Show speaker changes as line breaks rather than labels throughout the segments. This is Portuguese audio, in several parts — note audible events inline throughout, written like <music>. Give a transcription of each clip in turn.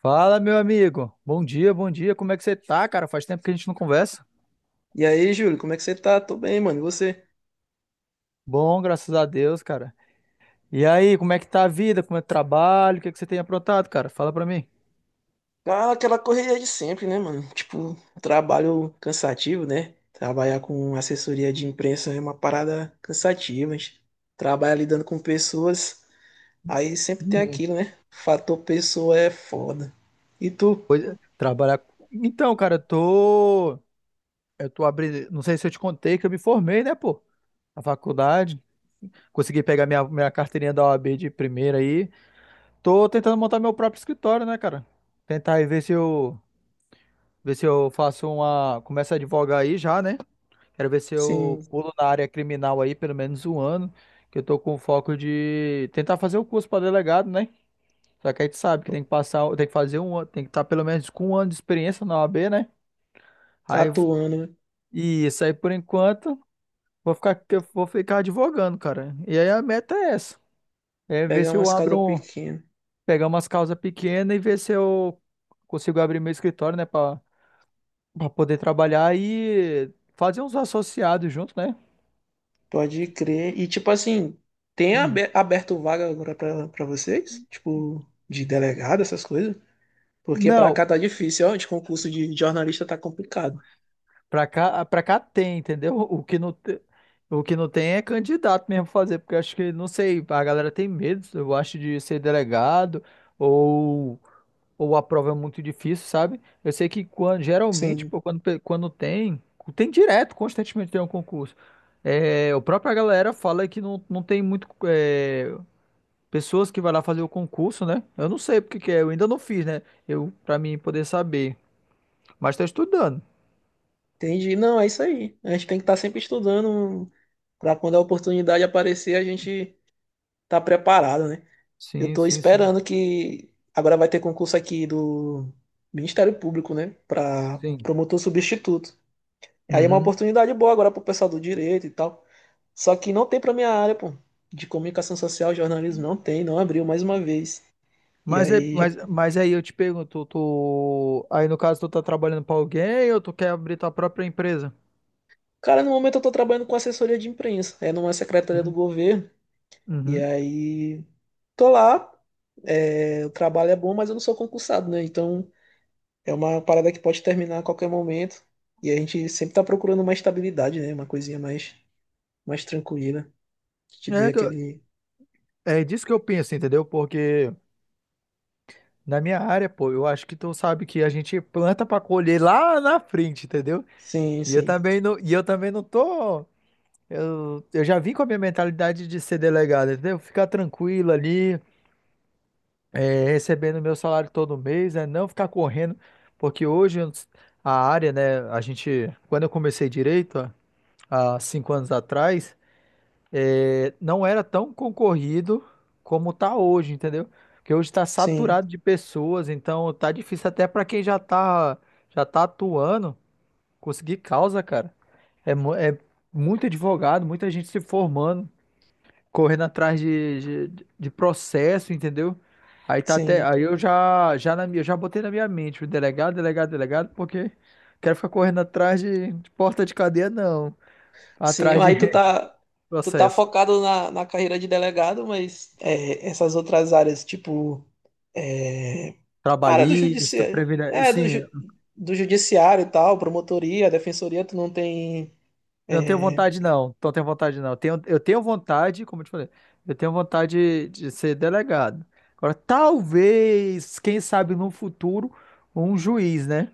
Fala, meu amigo. Bom dia, bom dia. Como é que você tá, cara? Faz tempo que a gente não conversa.
E aí, Júlio, como é que você tá? Tô bem, mano. E você?
Bom, graças a Deus, cara. E aí, como é que tá a vida? Como é o trabalho? O que é que você tem aprontado, cara? Fala pra mim.
Cara, aquela correria de sempre, né, mano? Tipo, trabalho cansativo, né? Trabalhar com assessoria de imprensa é uma parada cansativa. A gente trabalha lidando com pessoas, aí sempre tem
Hum,
aquilo, né? Fator pessoa é foda. E tu,
pois é, trabalhar. Então, cara, eu tô. Eu tô abrindo. Não sei se eu te contei que eu me formei, né, pô? Na faculdade. Consegui pegar minha carteirinha da OAB de primeira aí. Tô tentando montar meu próprio escritório, né, cara? Tentar aí ver se eu. Ver se eu faço uma. Começo a advogar aí já, né? Quero ver se eu
sim,
pulo na área criminal aí pelo menos um ano, que eu tô com foco de tentar fazer o curso para delegado, né? Só que a gente sabe que tem que passar, tem que fazer um ano, tem que estar pelo menos com um ano de experiência na OAB, né?
tá
Aí
atuando,
e isso aí por enquanto, vou ficar eu vou ficar advogando, cara. E aí a meta é essa, é ver
pegar
se eu
umas casas
abro,
pequenas.
pegar umas causas pequenas e ver se eu consigo abrir meu escritório, né, para poder trabalhar e fazer uns associados junto, né?
Pode crer. E tipo assim,
Hum.
aberto vaga agora pra vocês? Tipo, de delegado, essas coisas? Porque pra
Não,
cá tá difícil, ó, de concurso de jornalista tá complicado.
pra cá, ah, pra cá tem, entendeu? <laughs> O que não tem é candidato mesmo fazer, porque eu acho que, não sei, a galera tem medo, eu acho, de ser delegado ou, ou a prova é muito difícil, sabe? Eu sei que quando, geralmente,
Sim,
pô, quando tem, tem direto, constantemente tem um concurso. É, o própria galera fala que não tem muito é, pessoas que vai lá fazer o concurso, né? Eu não sei porque que é, eu ainda não fiz, né? Eu, pra mim poder saber, mas tá estudando.
entendi. Não, é isso aí. A gente tem que estar sempre estudando para quando a oportunidade aparecer, a gente tá preparado, né? Eu
Sim,
tô
sim, sim.
esperando que agora vai ter concurso aqui do Ministério Público, né, para
Sim.
promotor substituto. Aí é uma
Uhum.
oportunidade boa agora pro pessoal do direito e tal. Só que não tem pra minha área, pô. De comunicação social, jornalismo, não tem, não abriu mais uma vez. E
Mas,
aí já.
mas aí eu te pergunto, tu, aí no caso tu tá trabalhando pra alguém ou tu quer abrir tua própria empresa?
Cara, no momento eu tô trabalhando com assessoria de imprensa, é numa secretaria do
Hum.
governo. E
Uhum.
aí. Tô lá, é, o trabalho é bom, mas eu não sou concursado, né? Então é uma parada que pode terminar a qualquer momento. E a gente sempre tá procurando uma estabilidade, né? Uma coisinha mais, mais tranquila, que te dê
É, que eu-
aquele.
é disso que eu penso, entendeu? Porque na minha área, pô, eu acho que tu sabe que a gente planta pra colher lá na frente, entendeu?
Sim, sim,
E eu também não tô, eu já vim com a minha mentalidade de ser delegado, entendeu? Ficar tranquilo ali, é, recebendo meu salário todo mês, é não ficar correndo, porque hoje a área, né, a gente, quando eu comecei direito, há 5 anos atrás, é, não era tão concorrido como tá hoje, entendeu? Porque hoje está
sim,
saturado de pessoas, então tá difícil até para quem já tá atuando, conseguir causa, cara. É muito advogado, muita gente se formando correndo atrás de processo, entendeu? Aí tá até,
sim.
aí eu já na minha, já botei na minha mente o delegado, delegado, delegado, porque quero ficar correndo atrás de porta de cadeia não,
Sim,
atrás de
aí
<laughs>
tu tá
processo
focado na carreira de delegado, mas é, essas outras áreas, tipo, é, a área do
trabalhista,
judiciário,
previdência,
é,
sim,
do judiciário e tal, promotoria, defensoria, tu não tem, é,
não tenho vontade não. Tenho, eu tenho vontade, como eu te falei, eu tenho vontade de ser delegado. Agora, talvez, quem sabe no futuro, um juiz, né?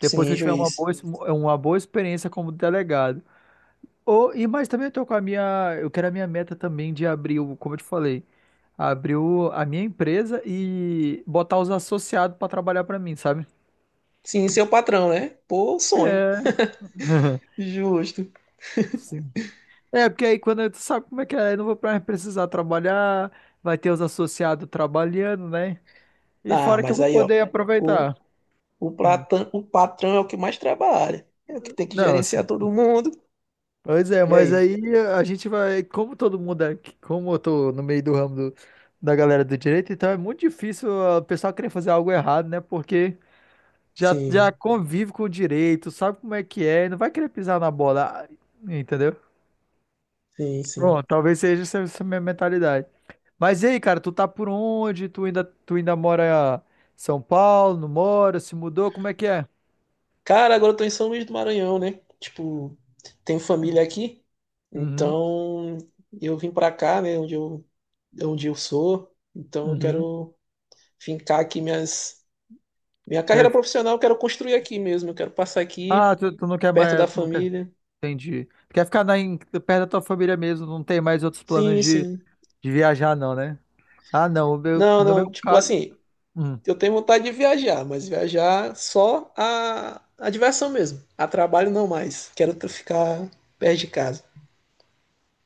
Depois que eu
sim,
tiver uma
juiz.
boa, uma boa experiência como delegado. E mas também eu tô com a minha, eu quero a minha meta também de abrir, como eu te falei, abrir a minha empresa e botar os associados para trabalhar para mim, sabe?
Sim, seu patrão, né? Pô, sonho.
É. <laughs>
Justo.
Sim. É, porque aí tu sabe como é que é, eu não vou mais precisar trabalhar, vai ter os associados trabalhando, né? E
Ah,
fora que eu
mas
vou
aí, ó,
poder
o,
aproveitar. Hum.
o patrão é o que mais trabalha, é o que tem que
Não,
gerenciar todo mundo.
pois é,
E
mas
aí?
aí a gente vai, como todo mundo é aqui, como eu tô no meio do ramo da galera do direito, então é muito difícil o pessoal querer fazer algo errado, né? Porque já
Sim,
convive com o direito, sabe como é que é, não vai querer pisar na bola, entendeu?
sim, sim.
Bom, talvez seja essa, essa minha mentalidade. Mas e aí, cara, tu tá por onde? Tu ainda mora em São Paulo? Não mora? Se mudou? Como é que é?
Cara, agora eu tô em São Luís do Maranhão, né? Tipo, tenho família aqui,
Uhum,
então eu vim pra cá, né? Onde eu sou, então eu
uhum.
quero fincar aqui minhas, minha carreira
Quero...
profissional, eu quero construir aqui mesmo, eu quero passar
Ah,
aqui,
tu não quer
perto
mais,
da
tu não quer.
família.
Entendi. Tu quer ficar na, perto da tua família mesmo, não tem mais outros planos
Sim, sim.
de viajar, não, né? Ah, não.
Não,
No
não,
meu
tipo
caso.
assim,
Hum,
eu tenho vontade de viajar, mas viajar só a diversão mesmo, a trabalho não mais. Ficar perto de casa.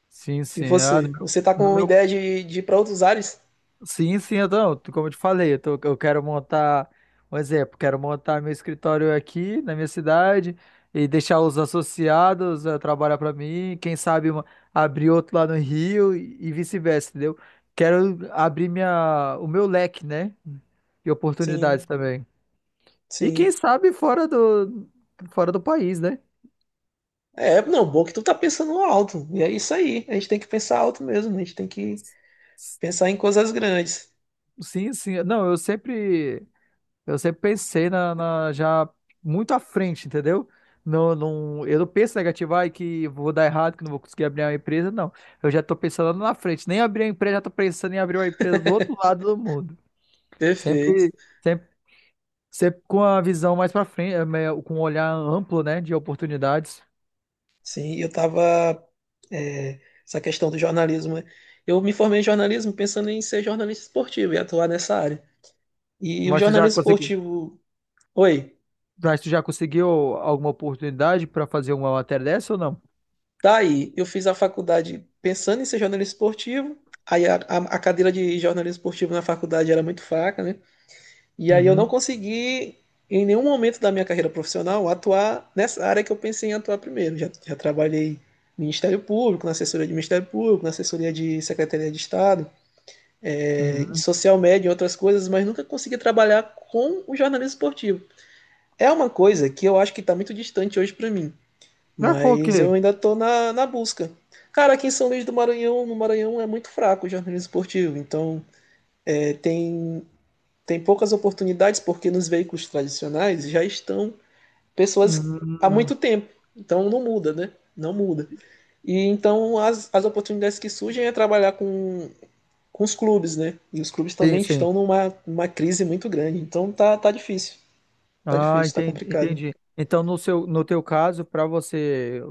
sim,
E
sim. Ah, no
você?
meu,
Você tá com ideia de ir pra outros ares?
sim, sim, então, como eu te falei, eu quero montar, um exemplo, quero montar meu escritório aqui na minha cidade e deixar os associados eh, trabalhar para mim. Abrir outro lá no Rio e vice-versa, entendeu? Quero abrir minha, o meu leque, né? E oportunidades
Sim,
também. E quem
sim.
sabe fora do país, né?
É, não, bom que tu tá pensando alto. E é isso aí. A gente tem que pensar alto mesmo. A gente tem que pensar em coisas grandes.
Sim, sim. Não, eu sempre pensei na, já muito à frente, entendeu? Não, não, eu não penso negativo, ai, que vou dar errado, que não vou conseguir abrir uma empresa, não. Eu já tô pensando na frente. Nem abrir a empresa, já tô pensando em abrir uma empresa do outro lado do mundo.
Perfeito.
Sempre, sempre, sempre com a visão mais pra frente, com um olhar amplo, né, de oportunidades.
Sim, eu tava. É, essa questão do jornalismo. Né? Eu me formei em jornalismo pensando em ser jornalista esportivo e atuar nessa área. E o
Mas tu já
jornalismo
conseguiu,
esportivo. Oi,
mas tu já conseguiu alguma oportunidade para fazer uma matéria dessa ou não?
tá aí. Eu fiz a faculdade pensando em ser jornalista esportivo. Aí a cadeira de jornalismo esportivo na faculdade era muito fraca, né? E aí eu não
Uhum,
consegui, em nenhum momento da minha carreira profissional, atuar nessa área que eu pensei em atuar primeiro. Já trabalhei no Ministério Público, na assessoria de Ministério Público, na assessoria de Secretaria de Estado, de
uhum.
social media e outras coisas, mas nunca consegui trabalhar com o jornalismo esportivo. É uma coisa que eu acho que está muito distante hoje para mim,
Ah, foi o
mas eu
quê?
ainda estou na busca. Cara, aqui em São Luís do Maranhão, no Maranhão é muito fraco o jornalismo esportivo, então tem tem poucas oportunidades porque nos veículos tradicionais já estão pessoas há
Hum,
muito tempo. Então não muda, né? Não muda. E então as oportunidades que surgem é trabalhar com os clubes, né? E os clubes
sim,
também
sim.
estão numa uma crise muito grande. Então tá, tá difícil. Tá
Ah,
difícil, tá
entendi,
complicado.
entendi. Então, no teu caso, para você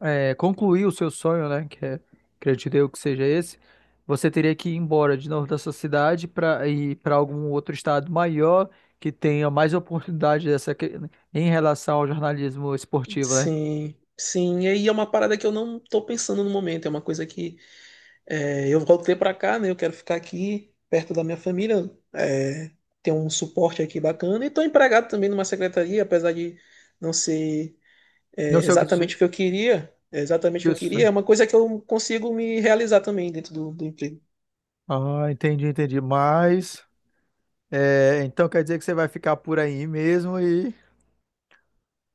é, concluir o seu sonho, né, que é, acredito eu que seja esse, você teria que ir embora de novo da sua cidade para ir para algum outro estado maior que tenha mais oportunidade dessa que- em relação ao jornalismo esportivo, né?
Sim, sim. E aí é uma parada que eu não tô pensando no momento. É uma coisa que é, eu voltei para cá, né? Eu quero ficar aqui perto da minha família, é, ter um suporte aqui bacana. E estou empregado também numa secretaria, apesar de não ser, é,
Não sei o que
exatamente
dizer.
o que eu queria. É exatamente o que eu queria,
Isso.
é uma coisa que eu consigo me realizar também dentro do emprego.
Ah, entendi, entendi. Mas, é, então quer dizer que você vai ficar por aí mesmo e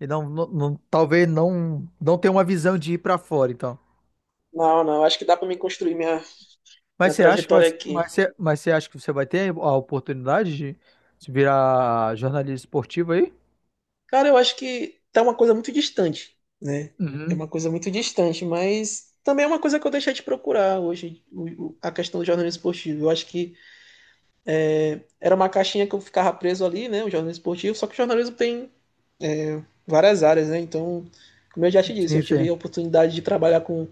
E não, talvez não, não tenha uma visão de ir para fora, então.
Não, não, acho que dá para mim construir minha,
Mas
minha
você acha que vai,
trajetória aqui.
mas você acha que você vai ter a oportunidade de se virar jornalista esportivo aí?
Cara, eu acho que tá uma coisa muito distante, né? É
Uhum.
uma coisa muito distante, mas também é uma coisa que eu deixei de procurar hoje, a questão do jornalismo esportivo. Eu acho que era uma caixinha que eu ficava preso ali, né? O jornalismo esportivo, só que o jornalismo tem várias áreas, né? Então, como eu já te disse,
Sim,
eu tive
sim.
a oportunidade de trabalhar com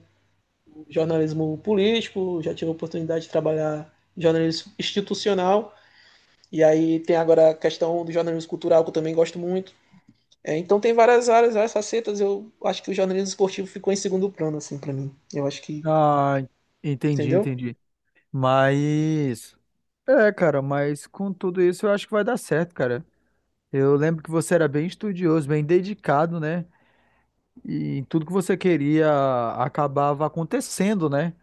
jornalismo político, já tive a oportunidade de trabalhar em jornalismo institucional, e aí tem agora a questão do jornalismo cultural, que eu também gosto muito. É, então tem várias áreas, várias facetas, eu acho que o jornalismo esportivo ficou em segundo plano, assim, para mim. Eu acho que,
Ah, entendi,
entendeu?
entendi. Mas é, cara, mas com tudo isso eu acho que vai dar certo, cara. Eu lembro que você era bem estudioso, bem dedicado, né? E tudo que você queria acabava acontecendo, né?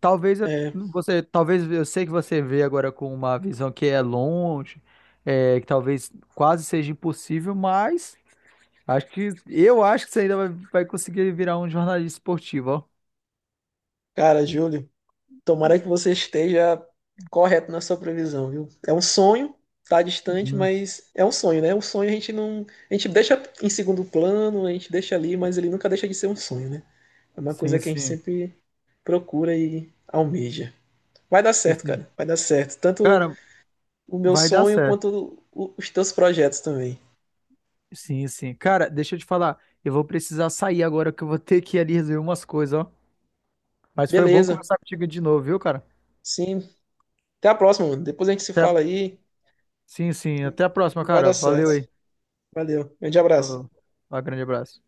É,
Talvez eu sei que você vê agora com uma visão que é longe, é, que talvez quase seja impossível, mas acho que eu acho que você ainda vai, vai conseguir virar um jornalista esportivo, ó.
cara, Júlio, tomara que você esteja correto na sua previsão, viu? É um sonho, tá distante,
Uhum.
mas é um sonho, né? Um sonho a gente não, a gente deixa em segundo plano, a gente deixa ali, mas ele nunca deixa de ser um sonho, né? É uma
Sim,
coisa que a gente
sim.
sempre procura e almeja. Vai dar
Sim,
certo,
sim.
cara. Vai dar certo. Tanto
Cara,
o meu
vai dar
sonho
certo.
quanto os teus projetos também.
Sim, sim. Cara, deixa eu te falar, eu vou precisar sair agora que eu vou ter que ir ali resolver umas coisas, ó. Mas foi bom
Beleza.
conversar contigo de novo, viu, cara?
Sim. Até a próxima, mano. Depois a gente se
Até...
fala aí
Sim, sim.
e
Até a próxima,
e vai
cara.
dar
Valeu
certo.
aí.
Valeu. Grande abraço.
Falou. Um grande abraço.